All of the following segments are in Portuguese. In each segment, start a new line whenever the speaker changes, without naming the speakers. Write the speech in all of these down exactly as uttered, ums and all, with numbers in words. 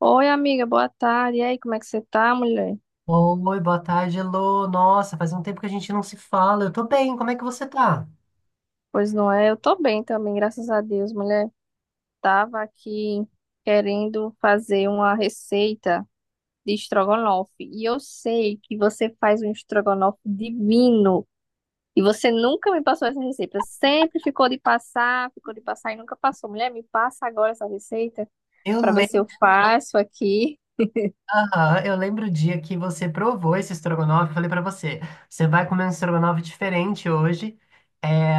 Oi, amiga, boa tarde. E aí, como é que você tá, mulher?
Oi, boa tarde, Lô. Nossa, faz um tempo que a gente não se fala. Eu tô bem, como é que você tá?
Pois não é, eu tô bem também, graças a Deus, mulher. Tava aqui querendo fazer uma receita de estrogonofe. E eu sei que você faz um estrogonofe divino. E você nunca me passou essa receita. Sempre ficou de passar, ficou de passar e nunca passou. Mulher, me passa agora essa receita
Eu
pra ver se eu faço aqui.
Aham, eu lembro o dia que você provou esse estrogonofe, eu falei pra você, você vai comer um estrogonofe diferente hoje, é,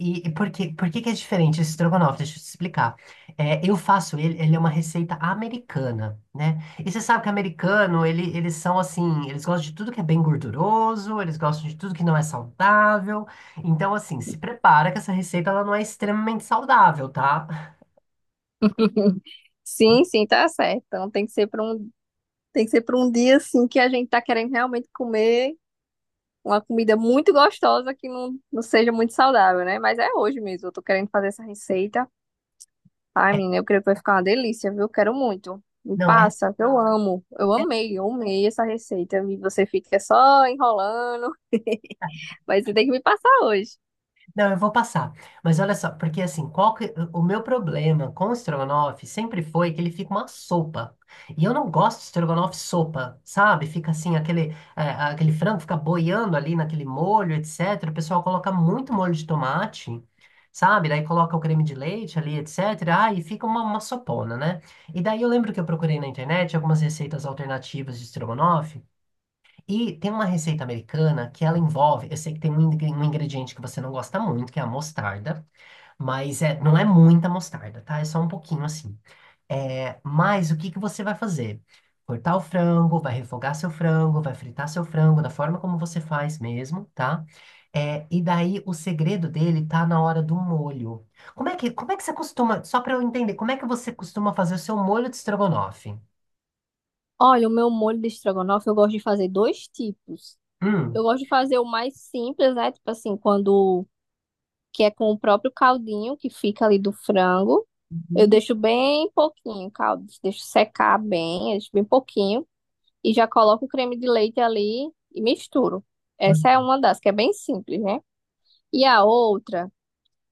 e, e por que, por que que é diferente esse estrogonofe? Deixa eu te explicar. É, eu faço ele, ele é uma receita americana, né? E você sabe que americano, ele, eles são assim, eles gostam de tudo que é bem gorduroso, eles gostam de tudo que não é saudável, então assim, se prepara que essa receita ela não é extremamente saudável, tá?
Sim, sim, tá certo. Então tem que ser para um, tem que ser para um dia assim que a gente tá querendo realmente comer uma comida muito gostosa que não, não seja muito saudável, né? Mas é hoje mesmo, eu tô querendo fazer essa receita. Ai, menina, eu creio que vai ficar uma delícia, viu? Quero muito. Me
Não, é. é
passa, que eu amo. Eu amei, eu amei essa receita. E você fica só enrolando, mas você tem que me passar hoje.
Não, eu vou passar. Mas olha só, porque assim, qual que- o meu problema com o estrogonofe sempre foi que ele fica uma sopa. E eu não gosto de estrogonofe sopa, sabe? Fica assim, aquele, é, aquele frango fica boiando ali naquele molho, etcétera. O pessoal coloca muito molho de tomate, sabe? Daí coloca o creme de leite ali, etcétera. Ah, e fica uma, uma sopona, né? E daí eu lembro que eu procurei na internet algumas receitas alternativas de estrogonofe. E tem uma receita americana que ela envolve, eu sei que tem um ingre- um ingrediente que você não gosta muito, que é a mostarda, mas é, não é muita mostarda, tá? É só um pouquinho assim. É, mas o que que você vai fazer? Cortar o frango, vai refogar seu frango, vai fritar seu frango da forma como você faz mesmo, tá? É, e daí o segredo dele tá na hora do molho. Como é que, como é que você costuma, só para eu entender, como é que você costuma fazer o seu molho de estrogonofe?
Olha, o meu molho de estrogonofe, eu gosto de fazer dois tipos. Eu
Hum.
gosto de fazer o mais simples, né? Tipo assim, quando que é com o próprio caldinho que fica ali do frango. Eu
Uhum.
deixo bem pouquinho o caldo, deixo secar bem, eu deixo bem pouquinho e já coloco o creme de leite ali e misturo. Essa é
Hum,
uma das que é bem simples, né? E a outra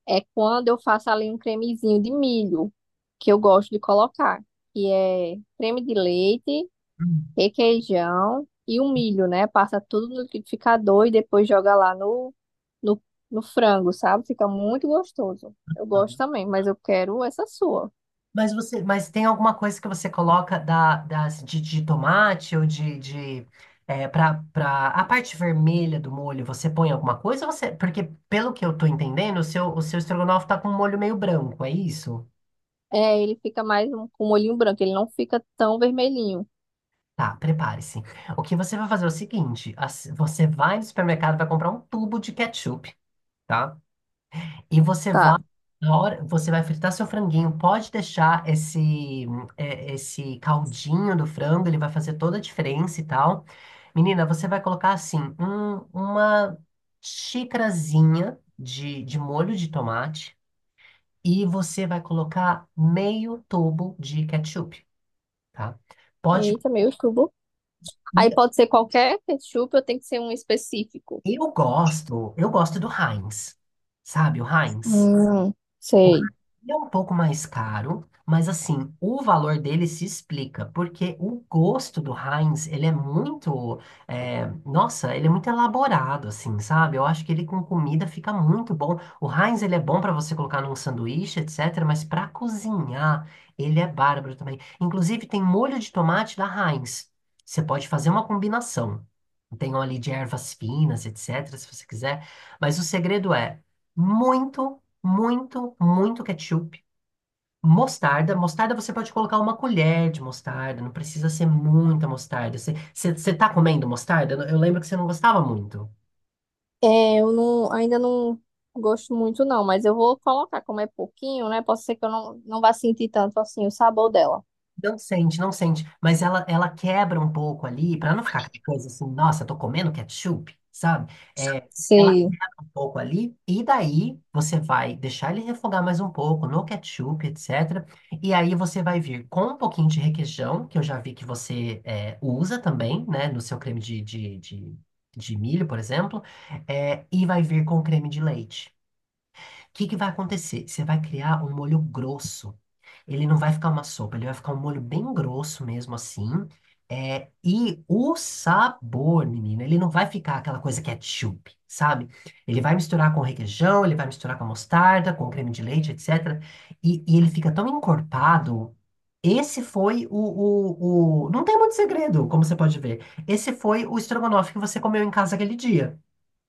é quando eu faço ali um cremezinho de milho, que eu gosto de colocar, que é creme de leite, requeijão e o milho, né? Passa tudo no liquidificador e depois joga lá no, no, no frango, sabe? Fica muito gostoso. Eu gosto
hum.
também, mas eu quero essa sua.
Mas você, mas tem alguma coisa que você coloca da, das, de, de tomate ou de, de é, para para a parte vermelha do molho, você põe alguma coisa? Ou você, porque pelo que eu tô entendendo, o seu, o seu estrogonofe tá com um molho meio branco, é isso?
É, ele fica mais um, com molhinho branco, ele não fica tão vermelhinho.
Tá, prepare-se. O que você vai fazer é o seguinte, as- você vai no supermercado, vai comprar um tubo de ketchup, tá? E você vai,
Tá.
na hora, você vai fritar seu franguinho, pode deixar esse, é, esse caldinho do frango, ele vai fazer toda a diferença e tal. Menina, você vai colocar assim, um- uma xicrazinha de, de molho de tomate e você vai colocar meio tubo de ketchup, tá? Pode.
Eita, meu cubo. Aí pode ser qualquer ketchup, eu tenho que ser um específico.
Eu gosto, eu gosto do Heinz, sabe, o Heinz?
Hum, sei.
É um pouco mais caro, mas assim, o valor dele se explica, porque o gosto do Heinz, ele é muito, é, nossa, ele é muito elaborado, assim, sabe? Eu acho que ele com comida fica muito bom. O Heinz, ele é bom para você colocar num sanduíche, etcétera, mas para cozinhar, ele é bárbaro também. Inclusive, tem molho de tomate da Heinz. Você pode fazer uma combinação. Tem óleo de ervas finas, etcétera, se você quiser. Mas o segredo é muito muito, muito ketchup. Mostarda, mostarda você pode colocar uma colher de mostarda, não precisa ser muita mostarda. Você você- você tá comendo mostarda? Eu lembro que você não gostava muito.
É, eu não, ainda não gosto muito não, mas eu vou colocar, como é pouquinho, né? Pode ser que eu não, não vá sentir tanto assim o sabor dela.
Não sente, não sente. Mas ela, ela quebra um pouco ali, para não ficar aquela coisa assim, nossa, tô comendo ketchup, sabe? É, ela
Sei.
quebra um pouco ali, e daí você vai deixar ele refogar mais um pouco no ketchup, etcétera. E aí você vai vir com um pouquinho de requeijão, que eu já vi que você é, usa também, né, no seu creme de, de, de, de milho, por exemplo, é, e vai vir com creme de leite que que vai acontecer? Você vai criar um molho grosso. Ele não vai ficar uma sopa, ele vai ficar um molho bem grosso mesmo assim. É, e o sabor, menina, ele não vai ficar aquela coisa ketchup, sabe? Ele vai misturar com requeijão, ele vai misturar com mostarda, com creme de leite, etcétera. E, e ele fica tão encorpado. Esse foi o, o, o. Não tem muito segredo, como você pode ver. Esse foi o estrogonofe que você comeu em casa aquele dia,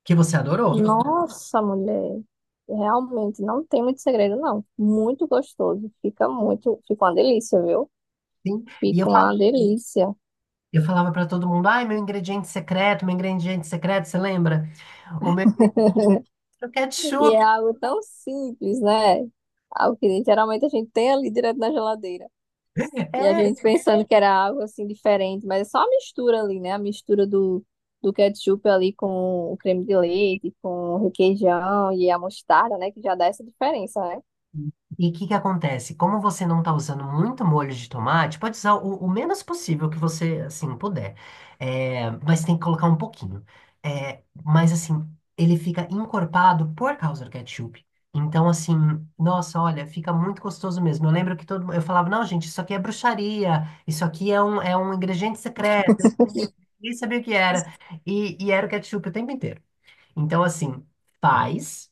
que você adorou.
Nossa, mulher, realmente não tem muito segredo, não. Muito gostoso, fica muito, fica uma delícia, viu?
Sim. E eu
Fica uma delícia.
Eu falava para todo mundo, ai, meu ingrediente secreto, meu ingrediente secreto, você lembra? O meu é o
E é
ketchup.
algo tão simples, né? Algo que geralmente a gente tem ali direto na geladeira. E a
É.
gente pensando que era algo assim diferente, mas é só a mistura ali, né? A mistura do, do ketchup ali com o creme de leite, com o requeijão e a mostarda, né? Que já dá essa diferença, né?
E o que que acontece? Como você não está usando muito molho de tomate, pode usar o, o menos possível que você, assim, puder. É, mas tem que colocar um pouquinho. É, mas, assim, ele fica encorpado por causa do ketchup. Então, assim, nossa, olha, fica muito gostoso mesmo. Eu lembro que todo mundo, eu falava, não, gente, isso aqui é bruxaria, isso aqui é um, é um ingrediente secreto. Nem sabia o que era. E, e era o ketchup o tempo inteiro. Então, assim, faz.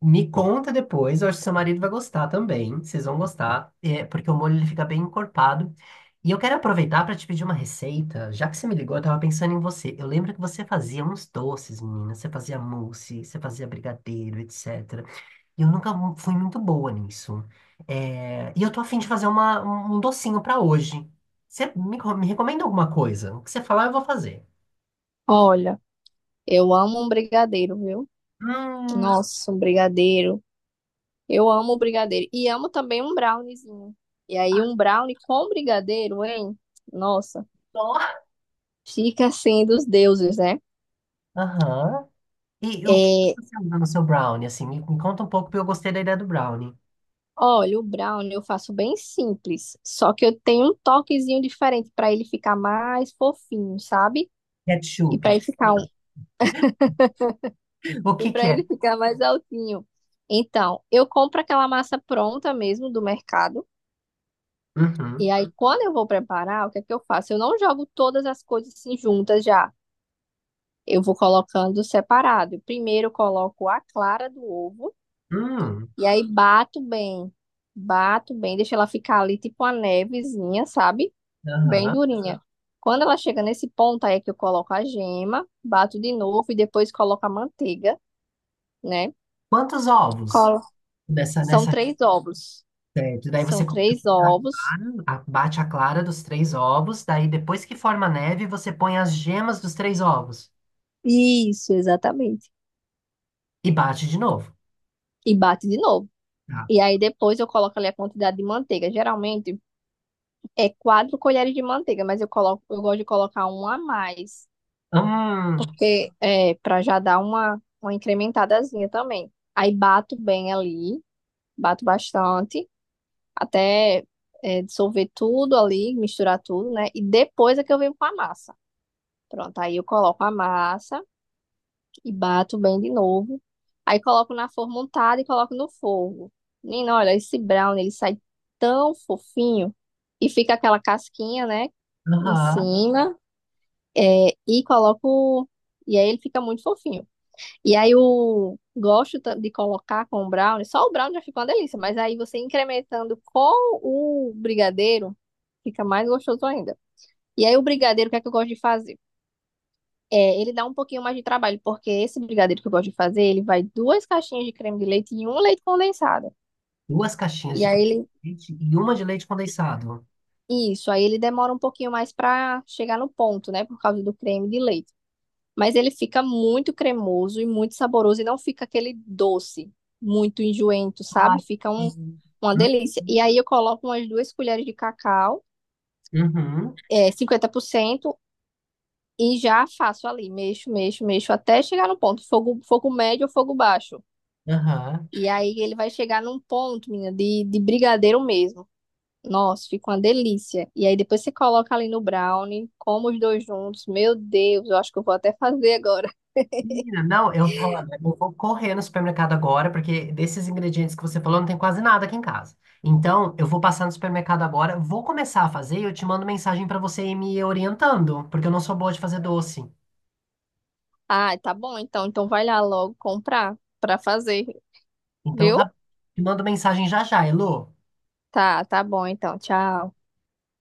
Me conta depois. Eu acho que seu marido vai gostar também. Vocês vão gostar. É, porque o molho ele fica bem encorpado. E eu quero aproveitar para te pedir uma receita. Já que você me ligou, eu tava pensando em você. Eu lembro que você fazia uns doces, menina. Você fazia mousse, você fazia brigadeiro, etcétera. E eu nunca mu- fui muito boa nisso. É, e eu tô afim de fazer uma, um um docinho para hoje. Você me, co- me recomenda alguma coisa? O que você falar, eu vou fazer.
Olha, eu amo um brigadeiro, viu?
Hum.
Nossa, um brigadeiro. Eu amo brigadeiro. E amo também um browniezinho. E aí, um brownie com brigadeiro, hein? Nossa,
Só.
fica assim dos deuses, né?
Aham. E o que
É,
você usa no seu brownie, assim? Me, me conta um pouco, porque eu gostei da ideia do brownie.
olha, o brownie eu faço bem simples. Só que eu tenho um toquezinho diferente para ele ficar mais fofinho, sabe? E
Ketchup.
para ele ficar um,
O
e
que que
para
é?
ele ficar mais altinho. Então, eu compro aquela massa pronta mesmo do mercado. E
Uhum.
aí, quando eu vou preparar, o que é que eu faço? Eu não jogo todas as coisas assim juntas já. Eu vou colocando separado. Primeiro eu coloco a clara do ovo
Hum,
e aí bato bem. Bato bem, deixo ela ficar ali tipo uma nevezinha, sabe? Bem
aham.
durinha. Quando ela chega nesse ponto, aí é que eu coloco a gema, bato de novo e depois coloco a manteiga, né?
Quantos ovos
Colo...
nessa,
São
nessa
três ovos.
receita? Daí você
São
coloca-
três ovos.
a- bate a clara dos três ovos, daí depois que forma a neve, você põe as gemas dos três ovos
Isso, exatamente.
e bate de novo.
E bate de novo.
Tá.
E aí depois eu coloco ali a quantidade de manteiga. Geralmente é quatro colheres de manteiga, mas eu coloco, eu gosto de colocar uma a mais,
Hum,
porque é para já dar uma, uma incrementadazinha também. Aí bato bem ali, bato bastante, até é, dissolver tudo ali, misturar tudo, né? E depois é que eu venho com a massa. Pronto, aí eu coloco a massa e bato bem de novo. Aí coloco na forma untada e coloco no fogo. Menina, olha, esse brownie, ele sai tão fofinho e fica aquela casquinha, né, em
aham.
cima. É, e coloco. E aí ele fica muito fofinho. E aí eu gosto ta- de colocar com o brownie. Só o brownie já fica uma delícia, mas aí você incrementando com o brigadeiro, fica mais gostoso ainda. E aí o brigadeiro, o que é que eu gosto de fazer? É, ele dá um pouquinho mais de trabalho, porque esse brigadeiro que eu gosto de fazer, ele vai duas caixinhas de creme de leite e um leite condensado.
Duas caixinhas
E
de
aí
creme
ele.
de leite e uma de leite condensado.
Isso, aí ele demora um pouquinho mais pra chegar no ponto, né? Por causa do creme de leite. Mas ele fica muito cremoso e muito saboroso e não fica aquele doce muito enjoento,
Ai,
sabe? Fica um, uma delícia. E
hum.
aí eu coloco umas duas colheres de cacau,
Uhum,
é, cinquenta por cento, e já faço ali, mexo, mexo, mexo, até chegar no ponto, fogo, fogo médio ou fogo baixo.
aham.
E aí ele vai chegar num ponto, menina, de, de brigadeiro mesmo. Nossa, fica uma delícia. E aí depois você coloca ali no brownie, como os dois juntos. Meu Deus, eu acho que eu vou até fazer agora.
Menina, não, eu, olha, eu vou correr no supermercado agora, porque desses ingredientes que você falou, não tem quase nada aqui em casa. Então, eu vou passar no supermercado agora, vou começar a fazer e eu te mando mensagem para você ir me orientando, porque eu não sou boa de fazer doce.
Ah, tá bom então. Então vai lá logo comprar pra fazer,
Então,
viu?
tá, te mando mensagem já já, Elo.
Tá, tá bom então. Tchau.